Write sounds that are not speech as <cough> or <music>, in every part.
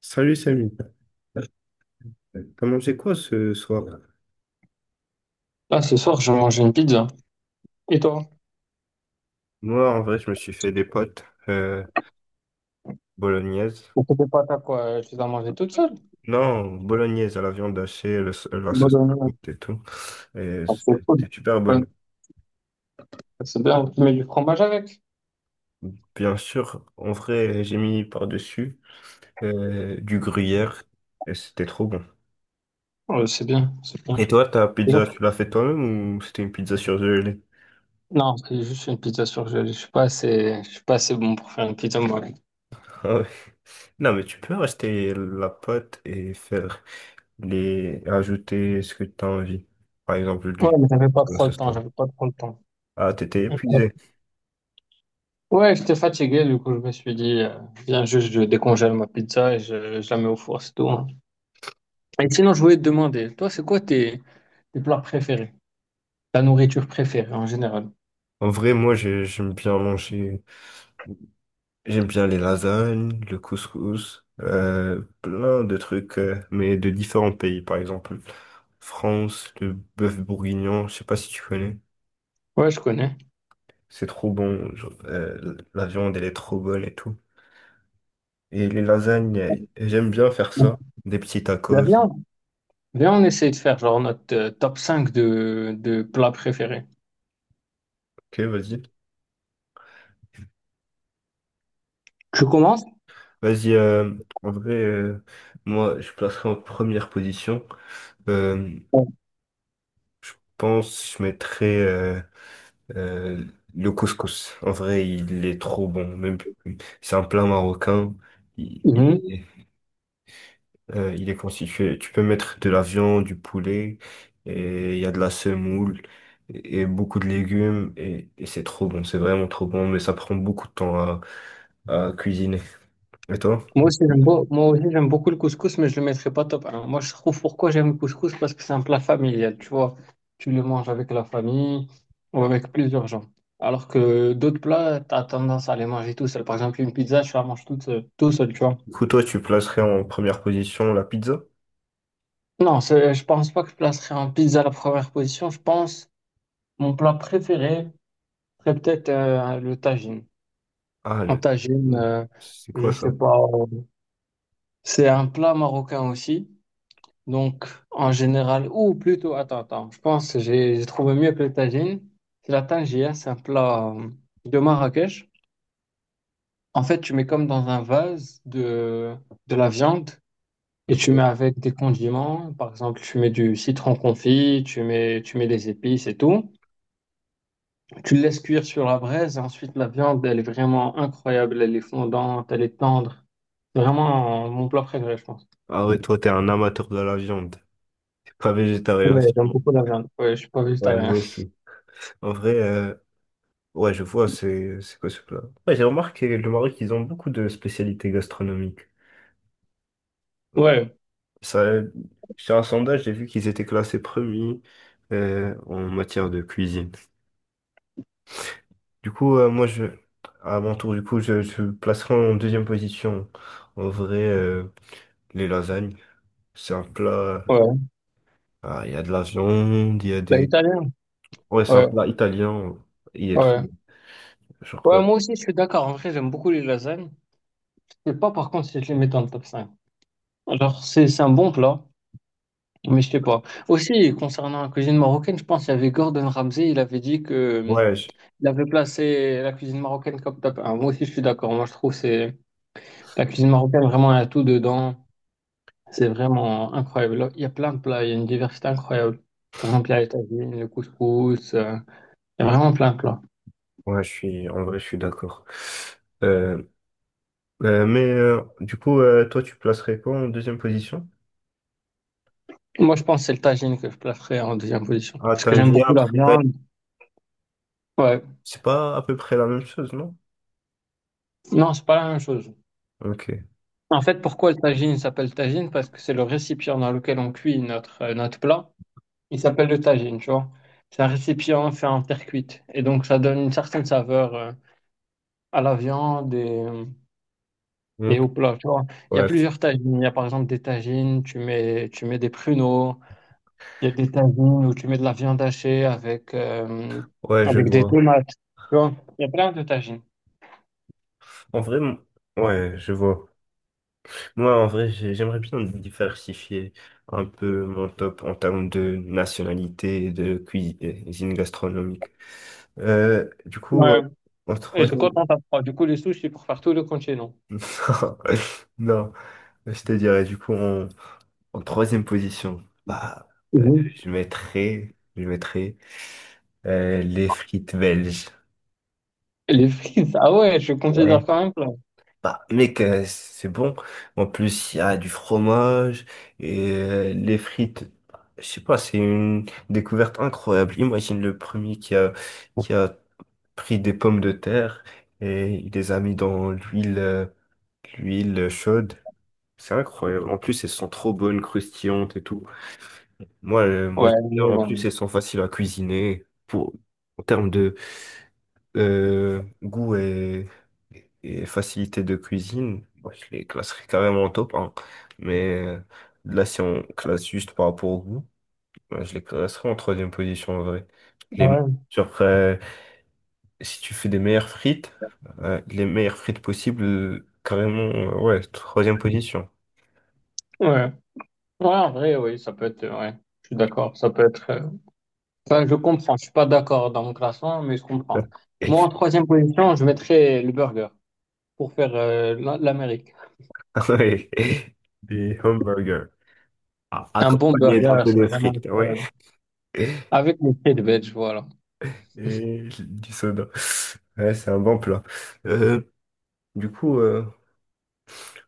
Salut Samy, t'as mangé quoi ce soir? Là, ce soir, je vais manger une pizza. Et toi? Moi, en vrai, je me suis fait des potes bolognaises. Et tes pâtes à quoi? Tu les as mangées toutes seules? Non, bolognaise à la viande hachée, la Bonne sauce année. piquante et tout. Ah, c'est cool. C'était super Ouais, bonne. c'est bien. Tu mets du fromage avec? Bien sûr, en vrai, j'ai mis par-dessus du gruyère et c'était trop bon. Ouais, c'est bien, c'est bien. Et toi, ta C'est pizza, bon. tu l'as fait toi-même ou c'était une pizza surgelée? Non, c'est juste une pizza surgelée. Je suis pas assez bon pour faire une pizza moi. Ouais, <laughs> Ah ouais. Non, mais tu peux rester la pâte et faire les ajouter ce que tu as envie. Par exemple, du mais ce soir. j'avais pas trop le temps. Ah, t'étais Ouais, épuisé. Ouais, j'étais fatigué, du coup, je me suis dit, viens juste, je décongèle ma pizza et je la mets au four, c'est tout, hein. Et sinon, je voulais te demander, toi, tes plats préférés? Ta nourriture préférée en général? En vrai, moi, j'aime bien manger. J'aime bien les lasagnes, le couscous, plein de trucs, mais de différents pays. Par exemple, France, le bœuf bourguignon, je sais pas si tu connais. Ouais, je connais. C'est trop bon. Genre, la viande, elle est trop bonne et tout. Et les lasagnes, j'aime bien faire Ben, ça. Des petits tacos. viens, viens, on essaye de faire genre notre top 5 de plats préférés. Ok, vas-y. Tu commences? Vas-y, en vrai, moi, je placerai en première position. Euh, Ouais. je pense que je mettrais euh, le couscous. En vrai, il est trop bon. Même, c'est un plat marocain. Il, Mhm. il est, il est constitué. Tu peux mettre de la viande, du poulet, et il y a de la semoule et beaucoup de légumes. Et c'est trop bon. C'est vraiment trop bon, mais ça prend beaucoup de temps à cuisiner. Et toi? Moi aussi, j'aime beaucoup le couscous, mais je le mettrai pas top 1. Moi, je trouve pourquoi j'aime le couscous, parce que c'est un plat familial, tu vois. Tu le manges avec la famille ou avec plusieurs gens. Alors que d'autres plats, tu as tendance à les manger tout seul. Par exemple, une pizza, je la mange toute seule- tout seul, tu vois. Du coup, toi, tu placerais en première position la pizza? Non, je pense pas que je placerai en pizza à la première position. Je pense mon plat préféré serait peut-être le tagine. Ah, En le tagine, tofu. C'est je quoi ça? sais pas. C'est un plat marocain aussi. Donc, en général, ou plutôt, attends, attends, je pense que j'ai trouvé mieux que le tagine. C'est la tangia, c'est un plat de Marrakech. En fait, tu mets comme dans un vase de la viande et tu mets avec des condiments. Par exemple, tu mets du citron confit, tu mets des épices et tout. Tu le laisses cuire sur la braise et ensuite la viande, elle est vraiment incroyable. Elle est fondante, elle est tendre. C'est vraiment, mon plat préféré, je pense. Ah ouais, toi, t'es un amateur de la viande. T'es pas végétarien, Ouais, j'aime sûrement. beaucoup la viande. Ouais, je suis pas Ouais, nous végétarien. aussi. En vrai, ouais, je vois, c'est quoi ce plat? Ouais, j'ai remarqué, le Maroc, ils ont beaucoup de spécialités gastronomiques. Euh, Ouais, Ça, sur un sondage, j'ai vu qu'ils étaient classés premiers en matière de cuisine. Du coup, moi, je, à mon tour, du coup, je placerai en deuxième position, en vrai, les lasagnes. C'est un plat, ouais. ah, il y a de la viande, il y a La des, italienne? ouais, c'est un Ouais, plat italien. Il est trop ouais. bon. Genre, Ouais, moi aussi, je suis d'accord. En vrai, j'aime beaucoup les lasagnes. Je sais pas, par contre, si je les mets dans le top 5. Alors, c'est un bon plat, mais je sais pas. Aussi, concernant la cuisine marocaine, je pense qu'il y avait Gordon Ramsay, il avait dit que ouais, je, il avait placé la cuisine marocaine comme top 1. Moi aussi, je suis d'accord. Moi, je trouve que c'est la cuisine marocaine, vraiment, il y a tout dedans. C'est vraiment incroyable. Il y a plein de plats, il y a une diversité incroyable. Par exemple, il y a les tagines, le couscous. Il y a vraiment plein de plats. ouais, je suis, en vrai, je suis d'accord. Euh, mais du coup, toi, tu placerais quoi en deuxième position? Moi, je pense que c'est le tagine que je placerais en deuxième position. Ah, Parce que j'aime Tangier, beaucoup la après, viande. Ouais. c'est pas à peu près la même chose, non? Non, c'est pas la même chose. Ok. En fait, pourquoi le tagine s'appelle tagine? Parce que c'est le récipient dans lequel on cuit notre, notre plat. Il s'appelle le tagine, tu vois. C'est un récipient fait en terre cuite. Et donc, ça donne une certaine saveur à la viande et Ok. au plat, tu vois. Il y a Ouais, plusieurs tagines. Il y a par exemple des tagines, tu mets des pruneaux. Il y a des tagines où tu mets de la viande hachée avec, ouais, je avec des vois. tomates. Tu vois, il y a plein de tagines. En vrai, ouais, je vois. Moi, en vrai, j'aimerais bien diversifier un peu mon top en termes de nationalité et de cuisine gastronomique. Du coup, Ouais. en Et c'est troisième. quand on tape froid. Du coup, les sushis pour faire tout le continent. <laughs> Non, non, je te dirais du coup en, en troisième position, bah, euh, Mhm. Je mettrais les frites belges. Et Et- les frites, ah ouais, je ouais, considère quand même plat. bah mec, c'est bon. En plus, il y a du fromage et les frites. Bah, je sais pas, c'est une découverte incroyable. Imagine le premier qui a pris des pommes de terre et il les a mis dans l'huile l'huile chaude. C'est incroyable. En plus, elles sont trop bonnes, croustillantes et tout. Moi, moi Ouais, j'aime bien. mais En plus, elles bon. sont faciles à cuisiner. Pour, en termes de goût et facilité de cuisine, moi, je les classerais carrément en top 1. Mais là, si on classe juste par rapport au goût, ben, je les classerais en troisième position en vrai. Les, Ouais. sur, si tu fais des meilleures frites, les meilleures frites possibles, carrément, ouais, troisième position. Ouais. Ouais, en vrai, oui, ça peut être. Ouais, je suis d'accord. Ça peut être. Wow. Enfin, je comprends. Je suis pas d'accord dans mon classement, mais je comprends. Moi, en troisième position, je mettrais le burger pour faire l'Amérique. <laughs> Oui, des hamburgers, ah, Un bon accompagnés burger, d'un peu c'est de vraiment frites, ouais. incroyable. Et Avec les frites veg, voilà. du soda. Ouais, c'est un bon plat. Euh, du coup,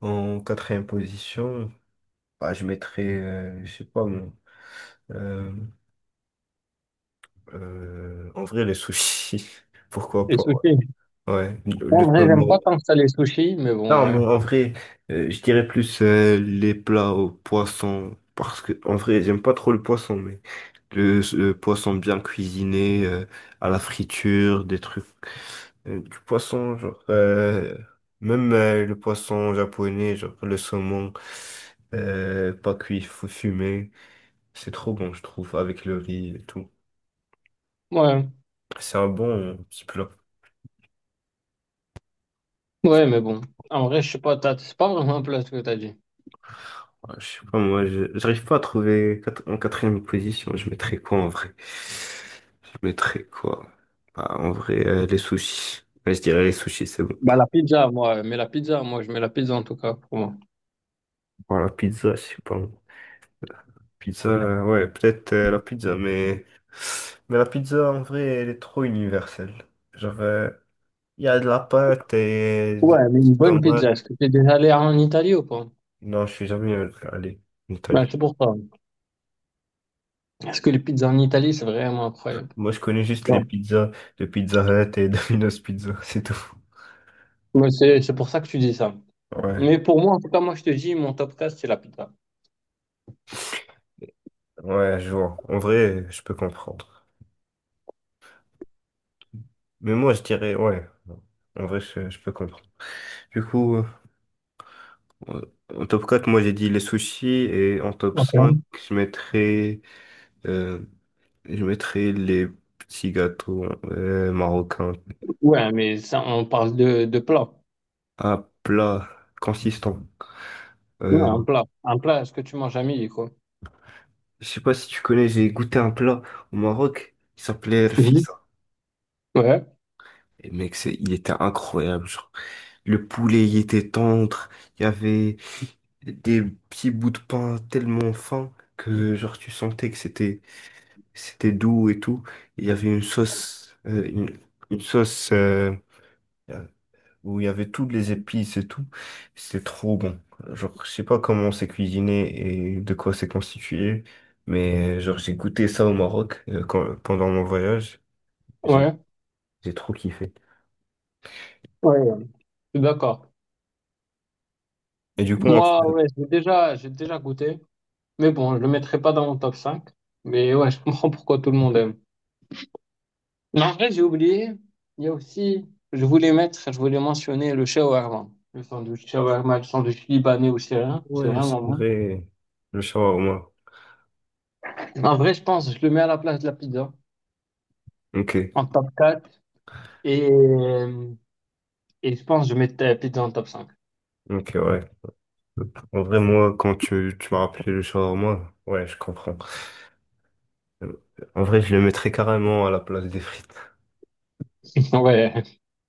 en quatrième position, bah, je mettrais, je sais pas, moi, euh, en vrai, les sushis. <laughs> Pourquoi Les pas? sushis. Ouais, ouais. En le vrai, j'aime pas saumon. tant que ça les sushis, mais bon, Non, ouais. mais en vrai, je dirais plus les plats au poisson, parce que en vrai, j'aime pas trop le poisson, mais le poisson bien cuisiné, à la friture, des trucs, du poisson, genre, même le poisson japonais, genre le saumon, pas cuit, faut fumer, c'est trop bon, je trouve, avec le riz et tout. Ouais, C'est un bon petit plat. ouais, mais bon. En vrai, je sais pas, c'est pas vraiment un plat ce que t'as dit. Ah, je sais pas, moi, j'arrive pas à trouver en quatrième position. Je mettrais quoi en vrai? Je mettrais quoi? Bah, en vrai, les sushis. Ouais, je dirais les sushis, c'est bon. Bah, la pizza, moi, ouais, mais la pizza, moi, je mets la pizza en tout cas pour moi. Bon, la pizza, je sais pas. Pizza, ouais, peut-être la pizza, mais... Mais la pizza, en vrai, elle est trop universelle. Genre, il y a de la pâte et des Ouais, mais une bonne tomates. pizza. Est-ce que t'es déjà allé en Italie ou pas? Non, je suis jamais allé en Italie. Bah, c'est pour ça. Parce que les pizzas en Italie, c'est vraiment incroyable. Moi, je connais juste les Non. pizzas de Pizza Hut et <laughs> Domino's Pizza, c'est tout. Mais c'est pour ça que tu dis ça. Ouais. Mais pour moi, en tout cas, moi, je te dis, mon top 4, c'est la pizza. Ouais, je vois. En vrai, je peux comprendre. Mais moi, je dirais, ouais. En vrai, je peux comprendre. Du coup, euh, en top 4 moi, j'ai dit les sushis. Et en top 5 Ok. je mettrais, euh, je mettrais les petits gâteaux marocains. Ouais, mais ça, on parle de plat. Un plat consistant. Ouais, Euh, un plat. Un plat, est-ce que tu manges à midi, quoi? je sais pas si tu connais, j'ai goûté un plat au Maroc. Il s'appelait Mhm. Rfissa. Ouais, Et mec, c'est, il était incroyable. Genre, le poulet, il était tendre. Il y avait des petits bouts de pain tellement fins que genre tu sentais que c'était doux et tout. Il y avait une sauce une sauce euh, où il y avait toutes les épices et tout. C'était trop bon. Genre je sais pas comment c'est cuisiné et de quoi c'est constitué, mais genre j'ai goûté ça au Maroc pendant mon voyage. J'ai ouais, j'ai trop kiffé. ouais. Ouais. Je suis d'accord. Et du coup, en Moi, fait, ouais, j'ai déjà goûté. Mais bon, je le mettrai pas dans mon top 5. Mais ouais, je comprends pourquoi tout le monde aime. Mais en vrai, j'ai oublié. Il y a aussi, je voulais mentionner le shawarma. Le sandwich shawarma, le sandwich libanais ou syrien, c'est ouais, c'est vraiment bon. vrai, le shawarma. En vrai, je pense, je le mets à la place de la pizza, Ok, en top quatre. Et, et je pense, que je mets la pizza en top 5. ok, ouais. En vrai, moi, quand tu m'as rappelé le shawarma, ouais, je comprends. Euh, En vrai, je le mettrais carrément à la place des frites. <laughs> Ouais,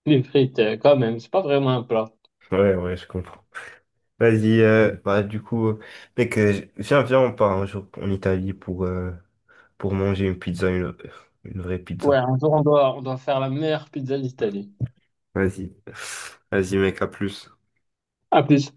les frites, quand même, c'est pas vraiment un plat. Ouais, ouais, je comprends. Vas-y, bah, du coup, mec, viens, on part un jour en Italie pour manger une pizza, une vraie Ouais, pizza. un jour, on doit faire la meilleure pizza d'Italie. Vas-y. Vas-y, mec, à plus. À plus.